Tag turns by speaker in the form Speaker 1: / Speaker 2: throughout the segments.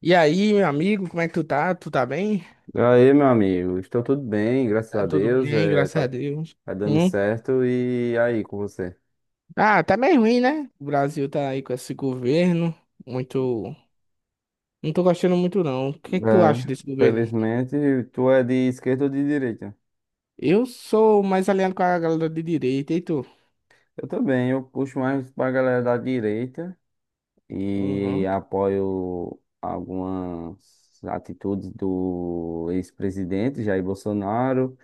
Speaker 1: E aí, meu amigo, como é que tu tá? Tu tá bem?
Speaker 2: E aí, meu amigo, estou tudo bem, graças a
Speaker 1: Tá tudo
Speaker 2: Deus,
Speaker 1: bem, graças a Deus.
Speaker 2: tá dando
Speaker 1: Hum?
Speaker 2: certo. E aí, com você?
Speaker 1: Ah, tá meio ruim, né? O Brasil tá aí com esse governo muito. Não tô gostando muito, não. O que é que tu acha
Speaker 2: É,
Speaker 1: desse governo?
Speaker 2: felizmente, tu é de esquerda ou de direita?
Speaker 1: Eu sou mais alinhado com a galera de direita, e tu?
Speaker 2: Eu também, eu puxo mais pra galera da direita e
Speaker 1: Uhum.
Speaker 2: apoio algumas atitudes do ex-presidente Jair Bolsonaro.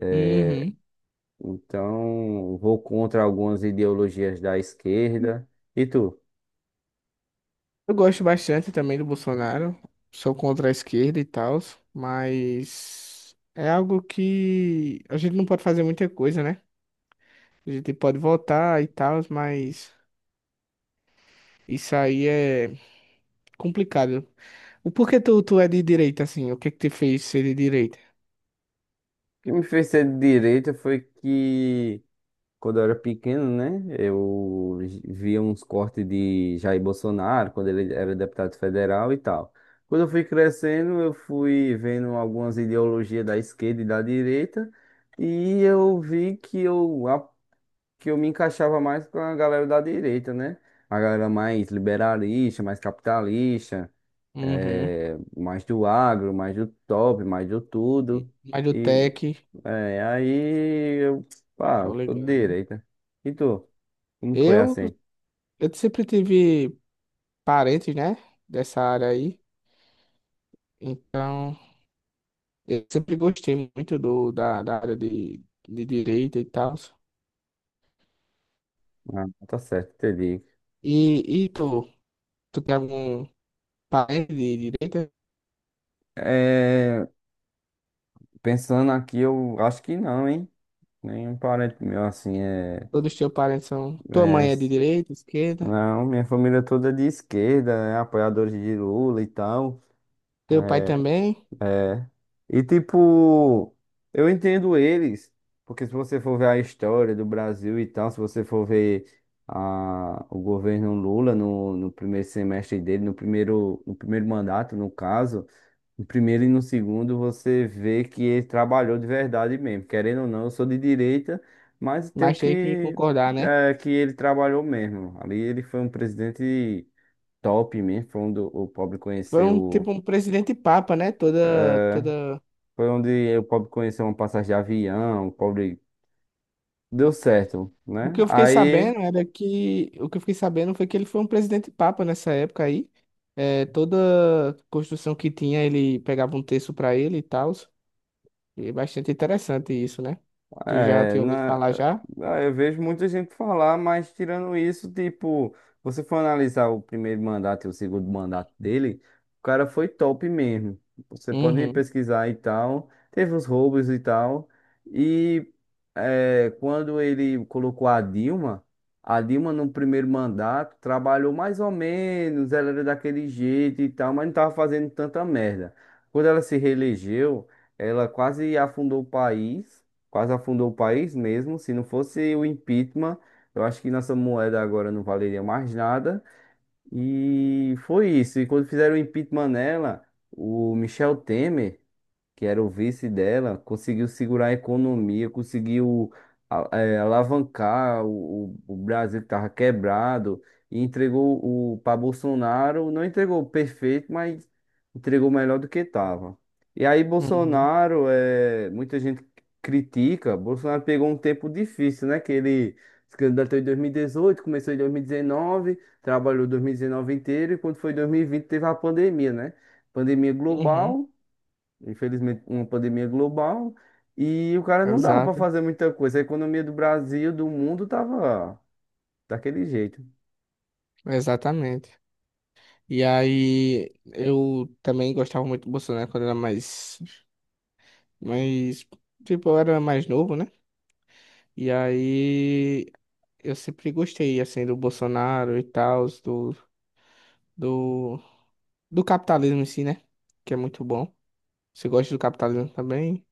Speaker 2: É,
Speaker 1: Uhum.
Speaker 2: então, vou contra algumas ideologias da esquerda. E tu? O
Speaker 1: Eu gosto bastante também do Bolsonaro. Sou contra a esquerda e tal, mas é algo que a gente não pode fazer muita coisa, né? A gente pode votar e tal, mas isso aí é complicado. O porquê tu é de direita, assim? O que que te fez ser de direita?
Speaker 2: que me fez ser de direita foi que quando eu era pequeno, né? Eu via uns cortes de Jair Bolsonaro, quando ele era deputado federal e tal. Quando eu fui crescendo, eu fui vendo algumas ideologias da esquerda e da direita, e eu vi que eu me encaixava mais com a galera da direita, né? A galera mais liberalista, mais capitalista,
Speaker 1: Uhum.
Speaker 2: mais do agro, mais do top, mais do tudo.
Speaker 1: Mas do tech,
Speaker 2: É, aí eu, pá,
Speaker 1: tô
Speaker 2: tô de
Speaker 1: ligado.
Speaker 2: direita. E tu? Como foi
Speaker 1: Eu,
Speaker 2: assim?
Speaker 1: eu sempre tive parentes, né? Dessa área aí. Então, eu sempre gostei muito da área de direita e tal.
Speaker 2: Ah, tá certo, entendi.
Speaker 1: E tu, tu tem algum parente de direita?
Speaker 2: É, pensando aqui, eu acho que não, hein? Nenhum parente meu assim é,
Speaker 1: Todos os teus parentes são. Tua
Speaker 2: é.
Speaker 1: mãe é de direita, esquerda.
Speaker 2: Não, minha família toda é de esquerda, é apoiadores de Lula e tal.
Speaker 1: Teu pai também.
Speaker 2: É. E tipo, eu entendo eles, porque se você for ver a história do Brasil e tal, se você for ver o governo Lula no primeiro semestre dele, no primeiro mandato, no caso, no primeiro e no segundo, você vê que ele trabalhou de verdade mesmo. Querendo ou não, eu sou de direita, mas tenho
Speaker 1: Mas tem que
Speaker 2: que,
Speaker 1: concordar, né?
Speaker 2: é, que ele trabalhou mesmo. Ali ele foi um presidente top mesmo, foi onde o pobre
Speaker 1: Foi um tipo
Speaker 2: conheceu.
Speaker 1: um presidente papa, né? Toda.
Speaker 2: Foi onde o pobre conheceu uma passagem de avião, o pobre deu certo,
Speaker 1: O
Speaker 2: né?
Speaker 1: que eu fiquei
Speaker 2: Aí.
Speaker 1: sabendo era que o que eu fiquei sabendo foi que ele foi um presidente papa nessa época aí. É, toda construção que tinha ele pegava um terço pra ele e tal. E é bastante interessante isso, né? Tu já
Speaker 2: É,
Speaker 1: tinha ouvido
Speaker 2: na,
Speaker 1: falar já?
Speaker 2: ah, eu vejo muita gente falar, mas tirando isso, tipo, você for analisar o primeiro mandato e o segundo mandato dele, o cara foi top mesmo. Você pode
Speaker 1: Uhum,
Speaker 2: pesquisar e tal, teve os roubos e tal. E é, quando ele colocou a Dilma no primeiro mandato trabalhou mais ou menos, ela era daquele jeito e tal, mas não tava fazendo tanta merda. Quando ela se reelegeu, ela quase afundou o país quase afundou o país mesmo. Se não fosse o impeachment, eu acho que nossa moeda agora não valeria mais nada. E foi isso. E quando fizeram o impeachment nela, o Michel Temer que era o vice dela, conseguiu segurar a economia, conseguiu alavancar o Brasil que estava quebrado e entregou o para Bolsonaro, não entregou perfeito, mas entregou melhor do que estava. E aí
Speaker 1: uhum,
Speaker 2: Bolsonaro, é, muita gente critica, Bolsonaro pegou um tempo difícil, né? Que ele se candidatou em 2018, começou em 2019, trabalhou 2019 inteiro e quando foi 2020 teve a pandemia, né? Pandemia
Speaker 1: uhum.
Speaker 2: global. Infelizmente, uma pandemia global. E o cara não dava pra
Speaker 1: Exato,
Speaker 2: fazer muita coisa. A economia do Brasil, do mundo, tava daquele jeito.
Speaker 1: exatamente. E aí eu também gostava muito do Bolsonaro quando eu era mais, tipo, eu era mais novo, né? E aí eu sempre gostei, assim, do Bolsonaro e tal, do, do capitalismo em si, né? Que é muito bom. Você gosta do capitalismo também?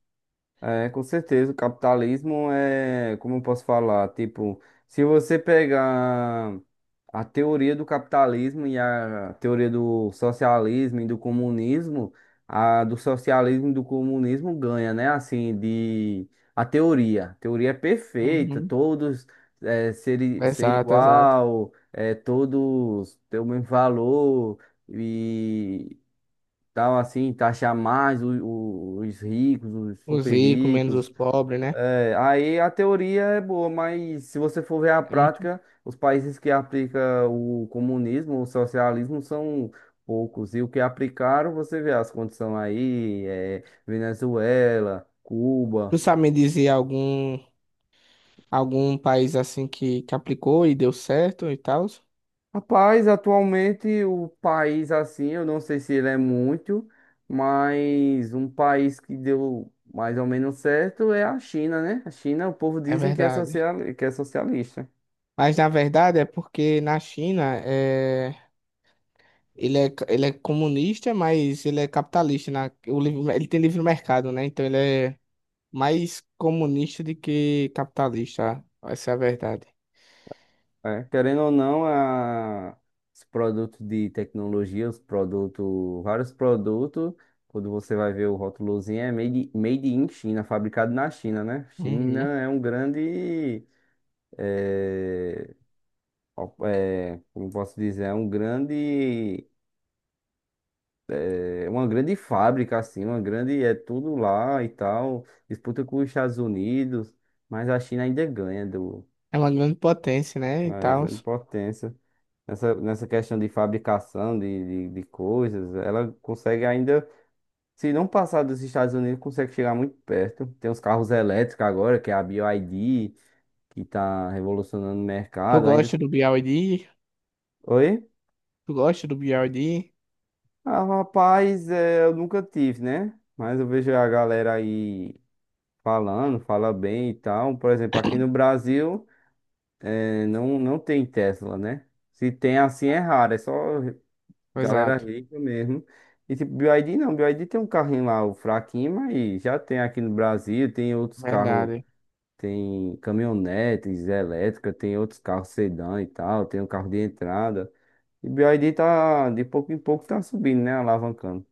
Speaker 2: É, com certeza, o capitalismo é, como eu posso falar, tipo, se você pegar a teoria do capitalismo e a teoria do socialismo e do comunismo, a do socialismo e do comunismo ganha, né? Assim, de a teoria. A teoria é perfeita,
Speaker 1: Uhum.
Speaker 2: todos ser
Speaker 1: Exato, exato.
Speaker 2: igual, é, todos ter o mesmo valor tal, assim, taxar mais os ricos, os
Speaker 1: Os
Speaker 2: super
Speaker 1: ricos, menos os
Speaker 2: ricos.
Speaker 1: pobres, né?
Speaker 2: É, aí a teoria é boa, mas se você for ver a
Speaker 1: É muito.
Speaker 2: prática, os países que aplicam o comunismo, o socialismo são poucos. E o que aplicaram, você vê as condições aí, é, Venezuela,
Speaker 1: Tu
Speaker 2: Cuba.
Speaker 1: sabe me dizer algum país assim que aplicou e deu certo e tal?
Speaker 2: Rapaz, atualmente o país assim, eu não sei se ele é muito, mas um país que deu mais ou menos certo é a China, né? A China, o povo
Speaker 1: É
Speaker 2: dizem que é
Speaker 1: verdade.
Speaker 2: social, que é socialista.
Speaker 1: Mas na verdade é porque na China ele é comunista, mas ele é capitalista. Na, o livre, ele tem livre mercado, né? Então ele é mais comunista do que capitalista. Essa é a verdade.
Speaker 2: É. Querendo ou não, os produtos de tecnologia, os produtos, vários produtos, quando você vai ver o rótulozinho, é made in China, fabricado na China, né? China
Speaker 1: Uhum.
Speaker 2: é um grande eh, como posso dizer, é um grande, é uma grande fábrica, assim, uma grande, é tudo lá e tal, disputa com os Estados Unidos, mas a China ainda ganha do,
Speaker 1: É uma grande potência, né? E
Speaker 2: é,
Speaker 1: tal.
Speaker 2: grande potência. Nessa questão de fabricação de coisas, ela consegue ainda, se não passar dos Estados Unidos, consegue chegar muito perto. Tem os carros elétricos agora, que é a BYD, que está revolucionando o
Speaker 1: Tu
Speaker 2: mercado, ainda...
Speaker 1: gosta do BYD?
Speaker 2: Oi?
Speaker 1: Tu gosta do BYD?
Speaker 2: Ah, rapaz, é, eu nunca tive, né? Mas eu vejo a galera aí falando, fala bem e tal. Por exemplo, aqui no Brasil, é, não tem Tesla, né? Se tem assim é
Speaker 1: Ah,
Speaker 2: raro, é só galera
Speaker 1: exato.
Speaker 2: rica mesmo. E tipo, BYD não, BYD tem um carrinho lá, o fraquinho, mas já tem aqui no Brasil, tem outros carros,
Speaker 1: Verdade.
Speaker 2: tem caminhonetes elétricas, tem outros carros sedã e tal, tem um carro de entrada. E BYD tá, de pouco em pouco tá subindo, né? Alavancando.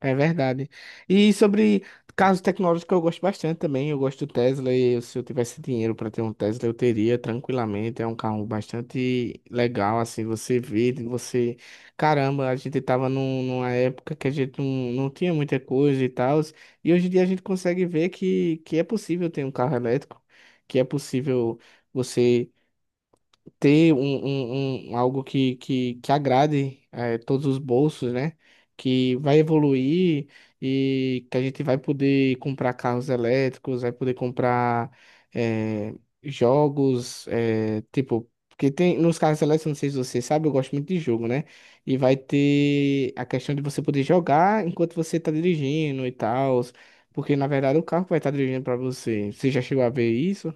Speaker 1: É verdade. E sobre carros tecnológicos, eu gosto bastante também. Eu gosto do Tesla e se eu tivesse dinheiro para ter um Tesla, eu teria tranquilamente. É um carro bastante legal, assim, você vê, de você... Caramba, a gente estava numa época que a gente não tinha muita coisa e tal, e hoje em dia a gente consegue ver que é possível ter um carro elétrico, que é possível você ter algo que agrade todos os bolsos, né? Que vai evoluir e que a gente vai poder comprar carros elétricos, vai poder comprar eh, jogos, tipo, porque tem nos carros elétricos, não sei se você sabe, eu gosto muito de jogo, né? E vai ter a questão de você poder jogar enquanto você está dirigindo e tal, porque na verdade o carro vai estar dirigindo para você. Você já chegou a ver isso?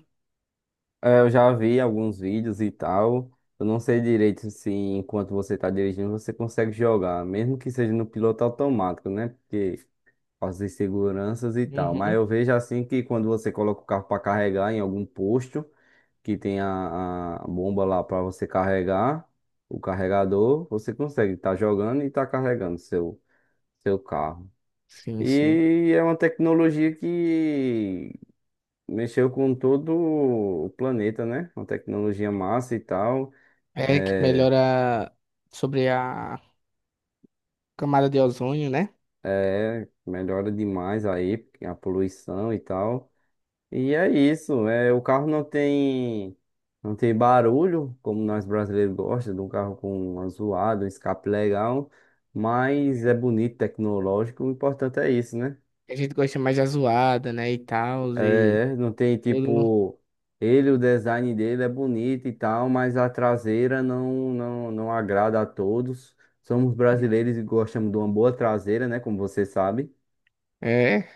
Speaker 2: É, eu já vi alguns vídeos e tal. Eu não sei direito se enquanto você está dirigindo você consegue jogar, mesmo que seja no piloto automático, né? Porque as inseguranças e tal. Mas
Speaker 1: Uhum.
Speaker 2: eu vejo assim que quando você coloca o carro para carregar em algum posto que tem a bomba lá para você carregar, o carregador, você consegue estar jogando e estar carregando seu carro.
Speaker 1: Sim, sim.
Speaker 2: E é uma tecnologia. Mexeu com todo o planeta, né? Uma tecnologia massa e tal.
Speaker 1: É que
Speaker 2: É,
Speaker 1: melhora sobre a camada de ozônio, né?
Speaker 2: melhora demais aí a poluição e tal. E é isso. É, o carro não tem, não tem barulho, como nós brasileiros gostamos, de um carro com uma zoada, um escape legal. Mas é
Speaker 1: É.
Speaker 2: bonito, tecnológico. O importante é isso, né?
Speaker 1: A gente gosta mais da zoada, né? E tal, e
Speaker 2: É, não tem
Speaker 1: tudo.
Speaker 2: tipo. Ele, o design dele é bonito e tal, mas a traseira não agrada a todos. Somos brasileiros e gostamos de uma boa traseira, né? Como você sabe.
Speaker 1: É,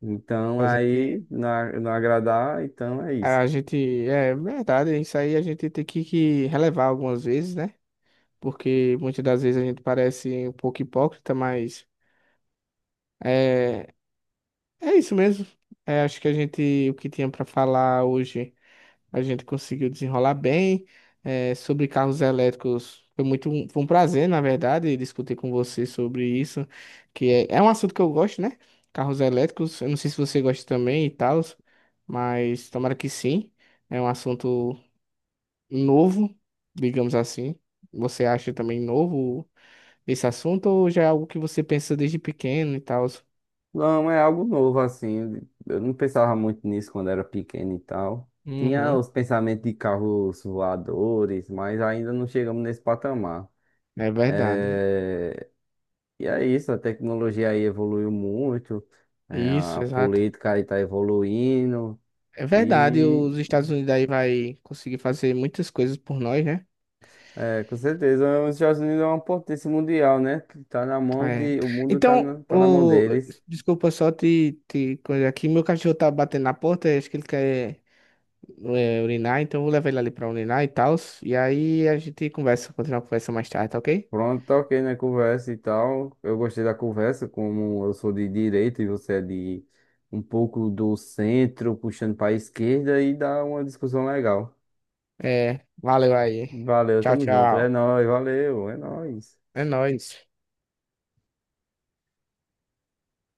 Speaker 2: Então
Speaker 1: a
Speaker 2: aí
Speaker 1: gente.
Speaker 2: não, não agradar, então é isso.
Speaker 1: A gente. É verdade, isso aí a gente tem que relevar algumas vezes, né? Porque muitas das vezes a gente parece um pouco hipócrita, mas é, é isso mesmo. É, acho que a gente. O que tinha pra falar hoje. A gente conseguiu desenrolar bem. É, sobre carros elétricos, foi foi um prazer, na verdade, discutir com você sobre isso, que é, é um assunto que eu gosto, né? Carros elétricos, eu não sei se você gosta também e tal, mas tomara que sim. É um assunto novo, digamos assim. Você acha também novo esse assunto ou já é algo que você pensa desde pequeno e tal?
Speaker 2: Não, é algo novo assim. Eu não pensava muito nisso quando era pequeno e tal. Tinha
Speaker 1: Uhum,
Speaker 2: os pensamentos de carros voadores, mas ainda não chegamos nesse patamar.
Speaker 1: é verdade.
Speaker 2: É, E é isso, a tecnologia aí evoluiu muito, é,
Speaker 1: Isso,
Speaker 2: a
Speaker 1: exato.
Speaker 2: política aí tá evoluindo,
Speaker 1: É verdade,
Speaker 2: e
Speaker 1: os Estados Unidos aí vai conseguir fazer muitas coisas por nós, né?
Speaker 2: é, com certeza os Estados Unidos é uma potência mundial, né? Que tá na mão
Speaker 1: É.
Speaker 2: de, o mundo
Speaker 1: Então,
Speaker 2: tá na mão
Speaker 1: o...
Speaker 2: deles.
Speaker 1: desculpa só te coisa aqui. Meu cachorro tá batendo na porta, acho que ele quer é, urinar, então eu vou levar ele ali pra urinar e tal. E aí a gente conversa, continua a conversa mais tarde, tá ok?
Speaker 2: Pronto, tá ok, né? Conversa e tal. Eu gostei da conversa, como eu sou de direita e você é de um pouco do centro, puxando pra esquerda, e dá uma discussão legal.
Speaker 1: É, valeu aí.
Speaker 2: Valeu,
Speaker 1: Tchau,
Speaker 2: tamo junto. É
Speaker 1: tchau.
Speaker 2: nóis, valeu, é nóis.
Speaker 1: É nóis.